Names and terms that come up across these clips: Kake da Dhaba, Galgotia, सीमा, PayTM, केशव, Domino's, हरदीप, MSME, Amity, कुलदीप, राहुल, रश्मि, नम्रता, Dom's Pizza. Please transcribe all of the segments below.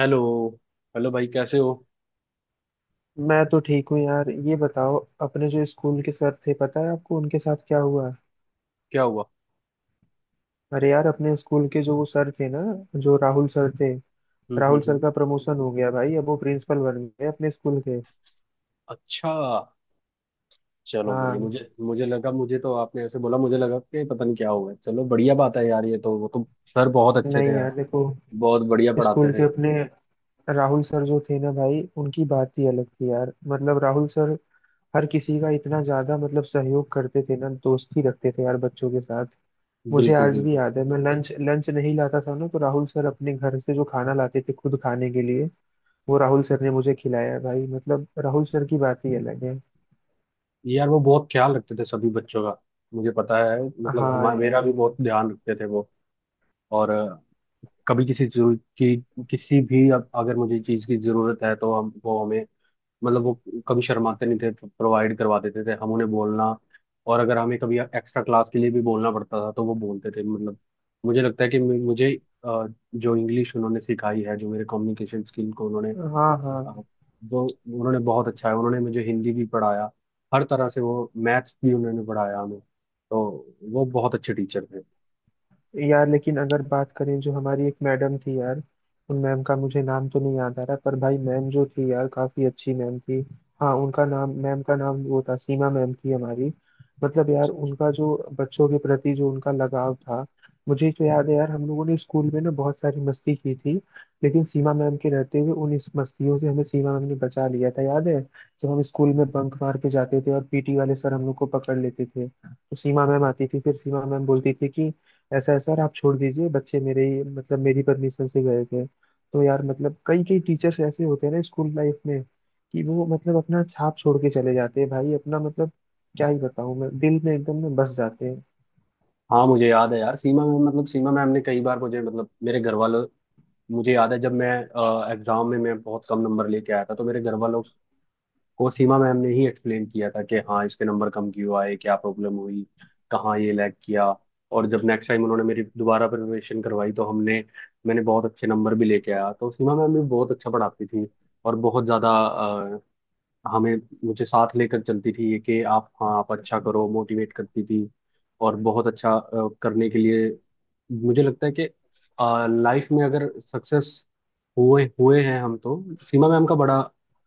Hello. Hello भाई, कैसे हो। मैं तो ठीक हूँ यार। ये बताओ अपने जो स्कूल के सर थे पता है आपको उनके साथ क्या हुआ? क्या हुआ? अरे यार अपने स्कूल के जो वो सर थे ना, जो राहुल सर थे, हम्म, राहुल हम्म, सर हम्म। का प्रमोशन हो गया भाई। अब वो प्रिंसिपल बन गए अपने स्कूल के। अच्छा। चलो, बढ़िया। हाँ। मुझे मुझे लगा, मुझे तो आपने ऐसे बोला, मुझे लगा कि पता नहीं क्या हुआ है। चलो, बढ़िया बात है यार, ये तो, वो तो। सर बहुत अच्छे थे नहीं यार यार। देखो, बहुत बढ़िया पढ़ाते स्कूल के थे। अपने राहुल सर जो थे ना भाई, उनकी बात ही अलग थी यार। मतलब राहुल सर हर किसी का इतना ज्यादा मतलब सहयोग करते थे ना, दोस्ती रखते थे यार बच्चों के साथ। मुझे बिल्कुल, आज भी बिल्कुल। याद है, मैं लंच लंच नहीं लाता था ना, तो राहुल सर अपने घर से जो खाना लाते थे खुद खाने के लिए वो राहुल सर ने मुझे खिलाया है भाई। मतलब राहुल सर की बात ही अलग है। यार, वो बहुत ख्याल रखते थे सभी बच्चों का। मुझे पता है, मतलब, हाँ हमारा, मेरा यार। भी बहुत ध्यान रखते थे वो। और कभी किसी जरूरत की, किसी भी, अब अगर मुझे चीज़ की जरूरत है तो हम, वो, हमें, मतलब वो कभी शर्माते नहीं थे, प्रोवाइड करवा देते थे, हम उन्हें बोलना। और अगर हमें कभी एक्स्ट्रा क्लास के लिए भी बोलना पड़ता था तो वो बोलते थे, मतलब। मुझे लगता है कि मुझे, अ, जो इंग्लिश उन्होंने सिखाई है, जो मेरे कम्युनिकेशन स्किल को उन्होंने हाँ अ, हाँ। वो, उन्होंने बहुत अच्छा है, उन्होंने मुझे हिंदी भी पढ़ाया। हर तरह से, वो मैथ्स भी उन्होंने पढ़ाया हमें तो। वो बहुत अच्छे टीचर थे। यार लेकिन अगर बात करें जो हमारी एक मैडम थी यार, उन मैम का मुझे नाम तो नहीं याद आ रहा, पर भाई मैम जो थी यार काफी अच्छी मैम थी। हाँ उनका नाम, मैम का नाम वो था, सीमा मैम थी हमारी। मतलब यार उनका जो बच्चों के प्रति जो उनका लगाव था। मुझे तो याद है यार, हम लोगों ने स्कूल में ना बहुत सारी मस्ती की थी, लेकिन सीमा मैम के रहते हुए उन इस मस्तियों से हमें सीमा मैम ने बचा लिया था, याद है? जब हम स्कूल में बंक मार के जाते थे और पीटी वाले सर हम लोग को पकड़ लेते थे तो सीमा मैम आती थी, फिर सीमा मैम बोलती थी कि ऐसा है सर आप छोड़ दीजिए बच्चे, मेरे ही मतलब मेरी परमिशन से गए थे। तो यार मतलब कई कई टीचर्स ऐसे होते हैं ना स्कूल लाइफ में, कि वो मतलब अपना छाप छोड़ के चले जाते हैं भाई, अपना मतलब क्या ही बताऊं, मैं दिल में एकदम में बस जाते हैं। हाँ, मुझे याद है यार। सीमा मैम, मतलब, सीमा मैम ने कई बार मुझे, मतलब, मेरे घर वालों। मुझे याद है जब मैं एग्जाम में मैं बहुत कम नंबर लेके आया था तो मेरे घर वालों कोसीमा मैम ने ही एक्सप्लेन किया था कि हाँ, इसके नंबर कम क्यों आए, क्या प्रॉब्लम हुई, कहाँ ये लैग किया। और जब नेक्स्ट टाइम उन्होंने मेरी दोबारा प्रिपरेशन करवाई तो हमने, मैंने बहुत अच्छे नंबर भी लेके आया। तो सीमा मैम भी बहुत अच्छा पढ़ाती थी। और बहुत ज़्यादा हमें, मुझे साथ लेकर चलती थी ये कि आप, हाँ, आप अच्छा करो, मोटिवेट करती थी। और बहुत अच्छा करने के लिए, मुझे लगता है कि लाइफ में अगर सक्सेस हुए हुए हैं हम तो सीमा मैम का बड़ा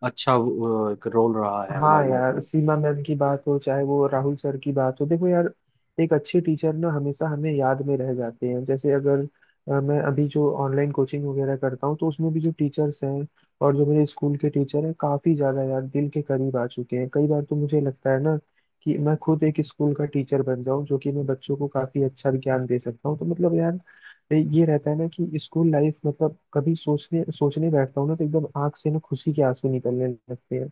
अच्छा एक रोल रहा है हाँ हमारे लाइफ यार, में। सीमा मैम की बात हो चाहे वो राहुल सर की बात हो, देखो यार एक अच्छे टीचर ना हमेशा हमें याद में रह जाते हैं। जैसे अगर मैं अभी जो ऑनलाइन कोचिंग वगैरह करता हूँ तो उसमें भी जो टीचर्स हैं और जो मेरे स्कूल के टीचर हैं काफी ज्यादा यार दिल के करीब आ चुके हैं। कई बार तो मुझे लगता है ना कि मैं खुद एक स्कूल का टीचर बन जाऊँ, जो कि मैं बच्चों को काफी अच्छा ज्ञान दे सकता हूँ। तो मतलब यार ये रहता है ना कि स्कूल लाइफ मतलब कभी सोचने सोचने बैठता हूँ ना तो एकदम आंख से ना खुशी के आंसू निकलने लगते हैं।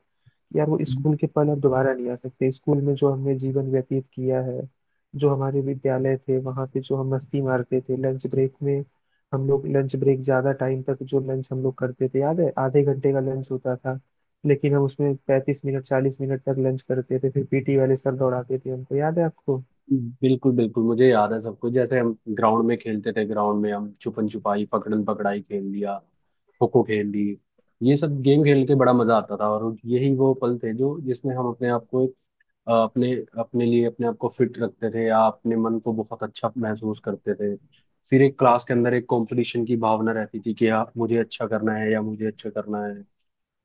यार वो स्कूल के पल अब दोबारा नहीं आ सकते। स्कूल में जो हमने जीवन व्यतीत किया है, जो हमारे विद्यालय थे वहां पे जो हम मस्ती मारते थे लंच ब्रेक में। हम लोग लंच ब्रेक ज्यादा टाइम तक जो लंच हम लोग करते थे, याद है आधे घंटे का लंच होता था लेकिन हम उसमें 35 मिनट 40 मिनट तक लंच करते थे, फिर पीटी वाले सर दौड़ाते थे हमको, याद है आपको? बिल्कुल, बिल्कुल। मुझे याद है सब कुछ, जैसे हम ग्राउंड में खेलते थे। ग्राउंड में हम छुपन छुपाई, पकड़न पकड़ाई खेल लिया, खो खो खेल ली। ये सब गेम खेल के बड़ा मजा आता था। और यही वो पल थे जो, जिसमें हम अपने आप को, अपने, अपने लिए अपने आप को फिट रखते थे, या अपने मन को बहुत अच्छा महसूस करते थे। फिर एक क्लास के अंदर एक कंपटीशन की भावना रहती थी कि हाँ, मुझे अच्छा करना है या मुझे अच्छा करना है।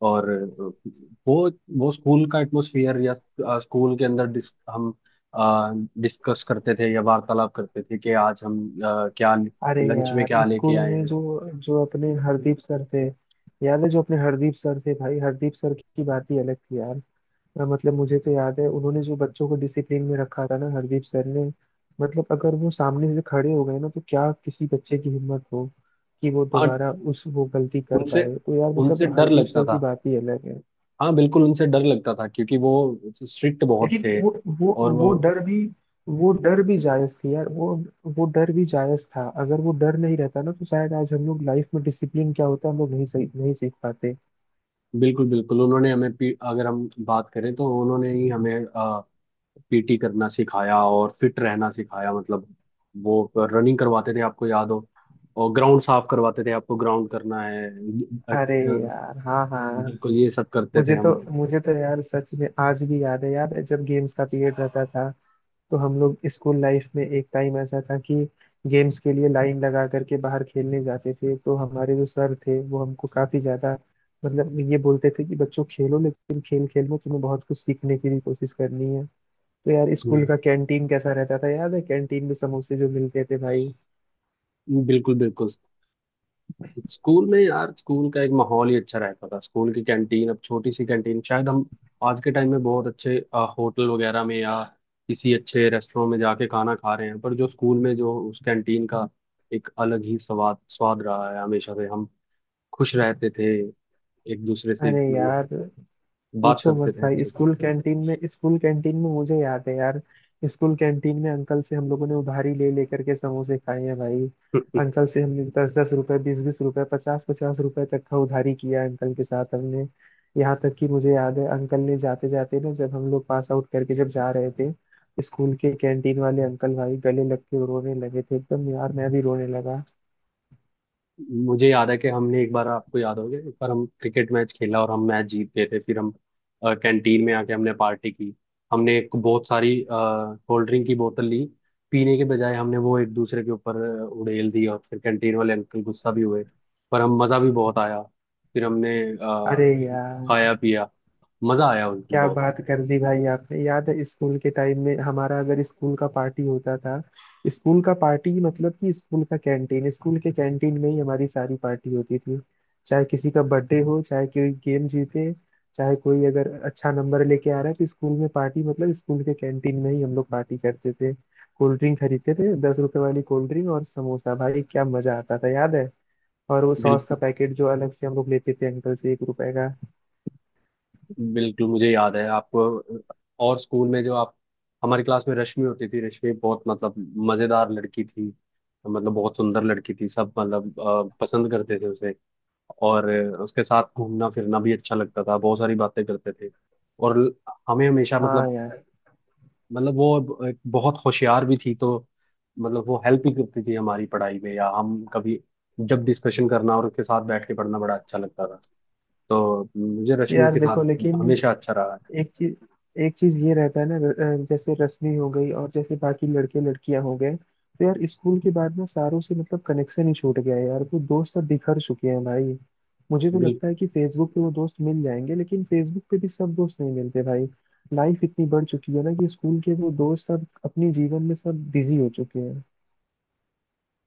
और वो वो स्कूल का एटमोसफियर या स्कूल के अंदर हम डिस्कस करते थे या वार्तालाप करते थे कि आज हम क्या अरे लंच में यार क्या लेके स्कूल आए में हैं। जो जो अपने हरदीप सर थे, याद है जो अपने हरदीप सर थे भाई, हरदीप सर की बात ही अलग थी यार। मतलब मुझे तो याद है उन्होंने जो बच्चों को डिसिप्लिन में रखा था ना हरदीप सर ने। मतलब अगर वो सामने से खड़े हो गए ना तो क्या किसी बच्चे की हिम्मत हो कि वो हाँ, दोबारा उस वो गलती कर उनसे पाए। तो यार मतलब उनसे डर हरदीप लगता सर की था। बात ही अलग है। हाँ, बिल्कुल उनसे डर लगता था, क्योंकि वो स्ट्रिक्ट बहुत लेकिन थे। वो और वो, वो डर भी वो डर भी जायज थी यार। वो डर भी जायज था, अगर वो डर नहीं रहता ना तो शायद आज हम लोग लाइफ में डिसिप्लिन क्या होता है हम लोग नहीं सही नहीं सीख पाते। बिल्कुल, बिल्कुल। उन्होंने हमें अगर हम बात करें तो उन्होंने ही हमें पीटी करना सिखाया और फिट रहना सिखाया, मतलब वो रनिंग करवाते थे, आपको याद हो? और ग्राउंड साफ करवाते थे, आपको ग्राउंड करना है, अरे यार। हाँ हाँ। बिल्कुल, ये सब करते थे मुझे हम। तो मुझे तो यार सच में आज भी याद है यार, जब गेम्स का पीरियड रहता था तो हम लोग स्कूल लाइफ में एक टाइम ऐसा था कि गेम्स के लिए लाइन लगा करके बाहर खेलने जाते थे तो हमारे जो सर थे वो हमको काफी ज्यादा मतलब ये बोलते थे कि बच्चों खेलो लेकिन खेल खेल में तुम्हें बहुत कुछ सीखने की भी कोशिश करनी है। तो यार स्कूल हम्म। का कैंटीन कैसा रहता था, याद है कैंटीन में समोसे जो मिलते थे भाई? बिल्कुल, बिल्कुल। स्कूल में यार, स्कूल का एक माहौल ही अच्छा रहता था। स्कूल की कैंटीन, अब छोटी सी कैंटीन, शायद हम आज के टाइम में बहुत अच्छे होटल वगैरह में या किसी अच्छे रेस्टोरेंट में जाके खाना खा रहे हैं, पर जो स्कूल में, जो उस कैंटीन का एक अलग ही स्वाद स्वाद रहा है हमेशा से। हम खुश रहते थे, एक दूसरे से, अरे मतलब, यार बात पूछो करते मत थे भाई, अच्छे से। स्कूल कैंटीन में मुझे याद है यार, स्कूल कैंटीन में अंकल से हम लोगों ने उधारी ले लेकर के समोसे खाए हैं भाई। अंकल से हमने 10-10 रुपए 20-20 रुपए 50-50 रुपए तक का उधारी किया है अंकल के साथ हमने। यहाँ तक कि मुझे याद है अंकल ने जाते जाते ना, जब हम लोग पास आउट करके जब जा रहे थे, स्कूल के कैंटीन वाले अंकल भाई गले लग के रोने लगे थे एकदम, यार मैं भी रोने लगा। मुझे याद है कि हमने एक बार, आपको याद होगा, एक बार हम क्रिकेट मैच खेला और हम मैच जीत गए थे, फिर हम कैंटीन में आके हमने पार्टी की। हमने एक बहुत सारी कोल्ड ड्रिंक की बोतल ली, पीने के बजाय हमने वो एक दूसरे के ऊपर उड़ेल दी, और फिर कैंटीन वाले अंकल गुस्सा भी हुए, पर हम, मज़ा भी बहुत आया। फिर हमने अरे यार खाया पिया, मज़ा आया उस दिन क्या बहुत। बात कर दी भाई आपने, याद है स्कूल के टाइम में हमारा अगर स्कूल का पार्टी होता था? स्कूल का पार्टी मतलब कि स्कूल का कैंटीन, स्कूल के कैंटीन में ही हमारी सारी पार्टी होती थी। चाहे किसी का बर्थडे हो, चाहे कोई गेम जीते, चाहे कोई अगर अच्छा नंबर लेके आ रहा है तो स्कूल में पार्टी मतलब स्कूल के कैंटीन में ही हम लोग पार्टी करते थे। कोल्ड ड्रिंक खरीदते थे, 10 रुपए वाली कोल्ड ड्रिंक और समोसा भाई क्या मजा आता था याद है? और वो सॉस का बिल्कुल, पैकेट जो अलग से हम लोग लेते थे अंकल से, 1 रुपए का। बिल्कुल। मुझे याद है, आपको। और स्कूल में जो आप, हमारी क्लास में रश्मि होती थी। रश्मि बहुत, मतलब, मजेदार लड़की थी, मतलब बहुत सुंदर लड़की थी, सब मतलब पसंद करते थे उसे। और उसके साथ घूमना फिरना भी अच्छा लगता था, बहुत सारी बातें करते थे। और हमें हमेशा, हाँ मतलब, यार। वो एक बहुत होशियार भी थी, तो, मतलब वो हेल्प भी करती थी हमारी पढ़ाई में, या हम कभी जब डिस्कशन करना और उसके साथ बैठ के पढ़ना बड़ा अच्छा लगता था। तो मुझे रश्मि यार के देखो साथ लेकिन हमेशा अच्छा रहा एक चीज एक चीज ये रहता है ना जैसे रश्मि हो गई और जैसे बाकी लड़के लड़कियां हो गए तो यार स्कूल के बाद ना सारों से मतलब कनेक्शन ही छूट गया है यार। वो दोस्त सब बिखर चुके हैं भाई। मुझे तो है। लगता है कि फेसबुक पे वो दोस्त मिल जाएंगे लेकिन फेसबुक पे भी सब दोस्त नहीं मिलते भाई। लाइफ इतनी बढ़ चुकी है ना कि स्कूल के वो दोस्त अब अपने जीवन में सब बिजी हो चुके हैं।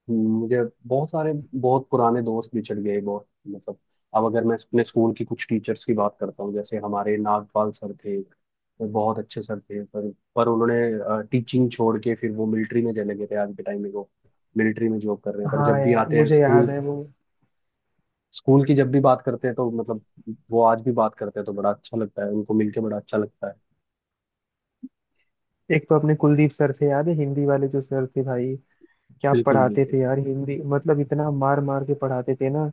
मुझे बहुत सारे, बहुत पुराने दोस्त भी चढ़ गए बहुत, मतलब, अब अगर मैं अपने स्कूल की कुछ टीचर्स की बात करता हूँ, जैसे हमारे नागपाल सर थे, वो बहुत अच्छे सर थे, पर उन्होंने टीचिंग छोड़ के फिर वो मिलिट्री में चले गए थे। आज के टाइम में वो मिलिट्री में जॉब कर रहे हैं, पर हाँ जब भी यार आते हैं मुझे याद स्कूल, है वो। स्कूल की जब भी बात करते हैं तो, मतलब, वो आज भी बात करते हैं तो बड़ा अच्छा लगता है, उनको मिलके बड़ा अच्छा लगता है। एक तो अपने कुलदीप सर थे, याद है हिंदी वाले जो सर थे भाई? क्या बिल्कुल, पढ़ाते थे बिल्कुल। यार हिंदी, मतलब इतना मार मार के पढ़ाते थे ना।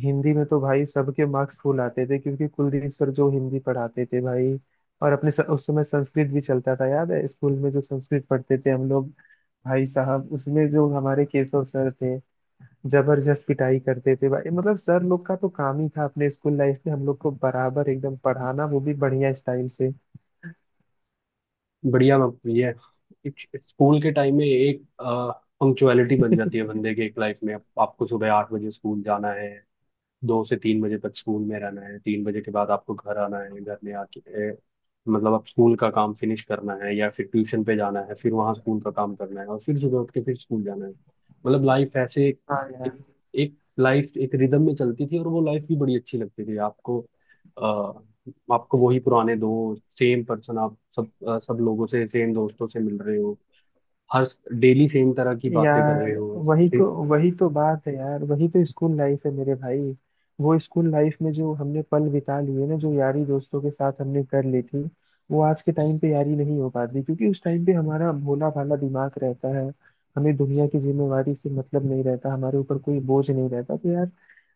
हिंदी में तो भाई सबके मार्क्स फुल आते थे क्योंकि कुलदीप सर जो हिंदी पढ़ाते थे भाई। और उस समय संस्कृत भी चलता था, याद है स्कूल में जो संस्कृत पढ़ते थे हम लोग? भाई साहब उसमें जो हमारे केशव सर थे, जबरदस्त पिटाई करते थे भाई। मतलब सर लोग का तो काम ही था अपने स्कूल लाइफ में हम लोग को बराबर एकदम पढ़ाना, वो भी बढ़िया स्टाइल से। बढ़िया बात हुई है। एक स्कूल के टाइम में एक पंक्चुअलिटी बन जाती है बंदे के एक लाइफ में। आपको सुबह 8 बजे स्कूल जाना है, 2 से 3 बजे तक स्कूल में रहना है, 3 बजे के बाद आपको घर आना है, घर में आके मतलब आप स्कूल का काम फिनिश करना है, या फिर ट्यूशन पे जाना है, फिर वहाँ स्कूल का काम करना है और फिर सुबह उठ के फिर स्कूल जाना है। मतलब लाइफ ऐसे, हाँ यार। एक, एक लाइफ एक रिदम में चलती थी और वो लाइफ भी बड़ी अच्छी लगती थी आपको। अ, आपको वही पुराने दोस्त, सेम पर्सन, आप सब सब लोगों से, सेम दोस्तों से मिल रहे हो, हर डेली सेम तरह की बातें कर यार रहे हो वही तो वही तो बात है यार, वही तो स्कूल लाइफ है मेरे भाई। वो स्कूल लाइफ में जो हमने पल बिता लिए ना, जो यारी दोस्तों के साथ हमने कर ली थी, वो आज के टाइम पे यारी नहीं हो पाती क्योंकि उस टाइम पे हमारा भोला भाला दिमाग रहता है, हमें दुनिया की जिम्मेवारी से मतलब नहीं रहता, हमारे ऊपर कोई बोझ नहीं रहता। तो यार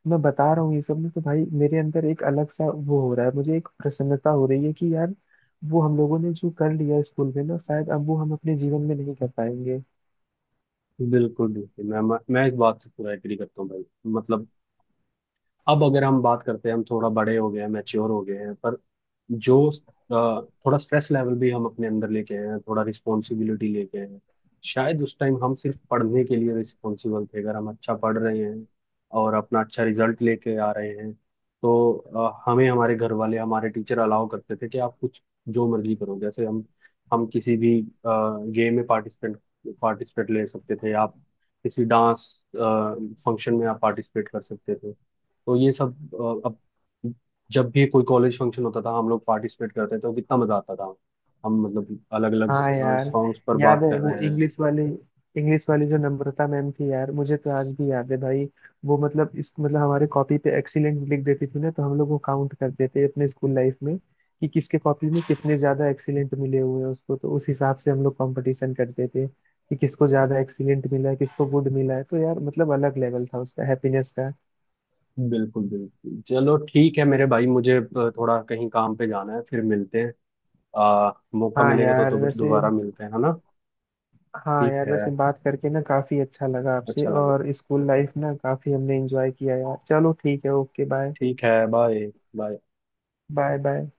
मैं बता रहा हूँ ये सब ना, तो भाई मेरे अंदर एक अलग सा वो हो रहा है, मुझे एक प्रसन्नता हो रही है कि यार, वो हम लोगों ने जो कर लिया स्कूल में ना शायद अब वो हम अपने जीवन में नहीं कर पाएंगे। बिल्कुल, बिल्कुल। मैं इस बात से पूरा एग्री करता हूँ भाई। मतलब, अब अगर हम बात करते हैं, हम थोड़ा बड़े हो गए हैं, मैच्योर हो गए हैं, पर जो थोड़ा स्ट्रेस लेवल भी हम अपने अंदर लेके आए हैं, थोड़ा रिस्पॉन्सिबिलिटी लेके आए हैं। शायद उस टाइम हम सिर्फ पढ़ने के लिए रिस्पॉन्सिबल थे, अगर हम अच्छा पढ़ रहे हैं और अपना अच्छा रिजल्ट लेके आ रहे हैं, तो हमें, हमारे घर वाले, हमारे टीचर अलाउ करते थे कि आप कुछ जो मर्जी करो। जैसे हम, किसी भी गेम में पार्टिसिपेंट पार्टिसिपेट ले सकते थे। आप किसी डांस फंक्शन में आप पार्टिसिपेट कर सकते थे। तो ये सब अब जब भी कोई कॉलेज फंक्शन होता था हम लोग पार्टिसिपेट करते थे, तो कितना मजा आता था। हम, मतलब, अलग अलग हाँ यार, सॉन्ग्स पर याद बात है कर वो रहे हैं। इंग्लिश वाली जो नम्रता मैम थी यार, मुझे तो आज भी याद है भाई। वो मतलब इस मतलब हमारे कॉपी पे एक्सीलेंट लिख देती थी ना, तो हम लोग वो काउंट करते थे अपने स्कूल लाइफ में कि किसके कॉपी में कितने ज्यादा एक्सीलेंट मिले हुए हैं उसको, तो उस हिसाब से हम लोग कंपटीशन करते थे कि किसको ज्यादा एक्सीलेंट मिला है किसको गुड मिला है। तो यार मतलब अलग लेवल था उसका हैप्पीनेस का। बिल्कुल, बिल्कुल। चलो ठीक है मेरे भाई, मुझे थोड़ा कहीं काम पे जाना है, फिर मिलते हैं। मौका हाँ मिलेगा तो यार वैसे दोबारा मिलते हैं, है ना? हाँ ठीक यार है। वैसे बात करके ना काफी अच्छा लगा आपसे, अच्छा लगे। और स्कूल लाइफ ना काफी हमने एंजॉय किया यार। चलो ठीक है ओके बाय। ठीक है। बाय। बाय। Bye bye.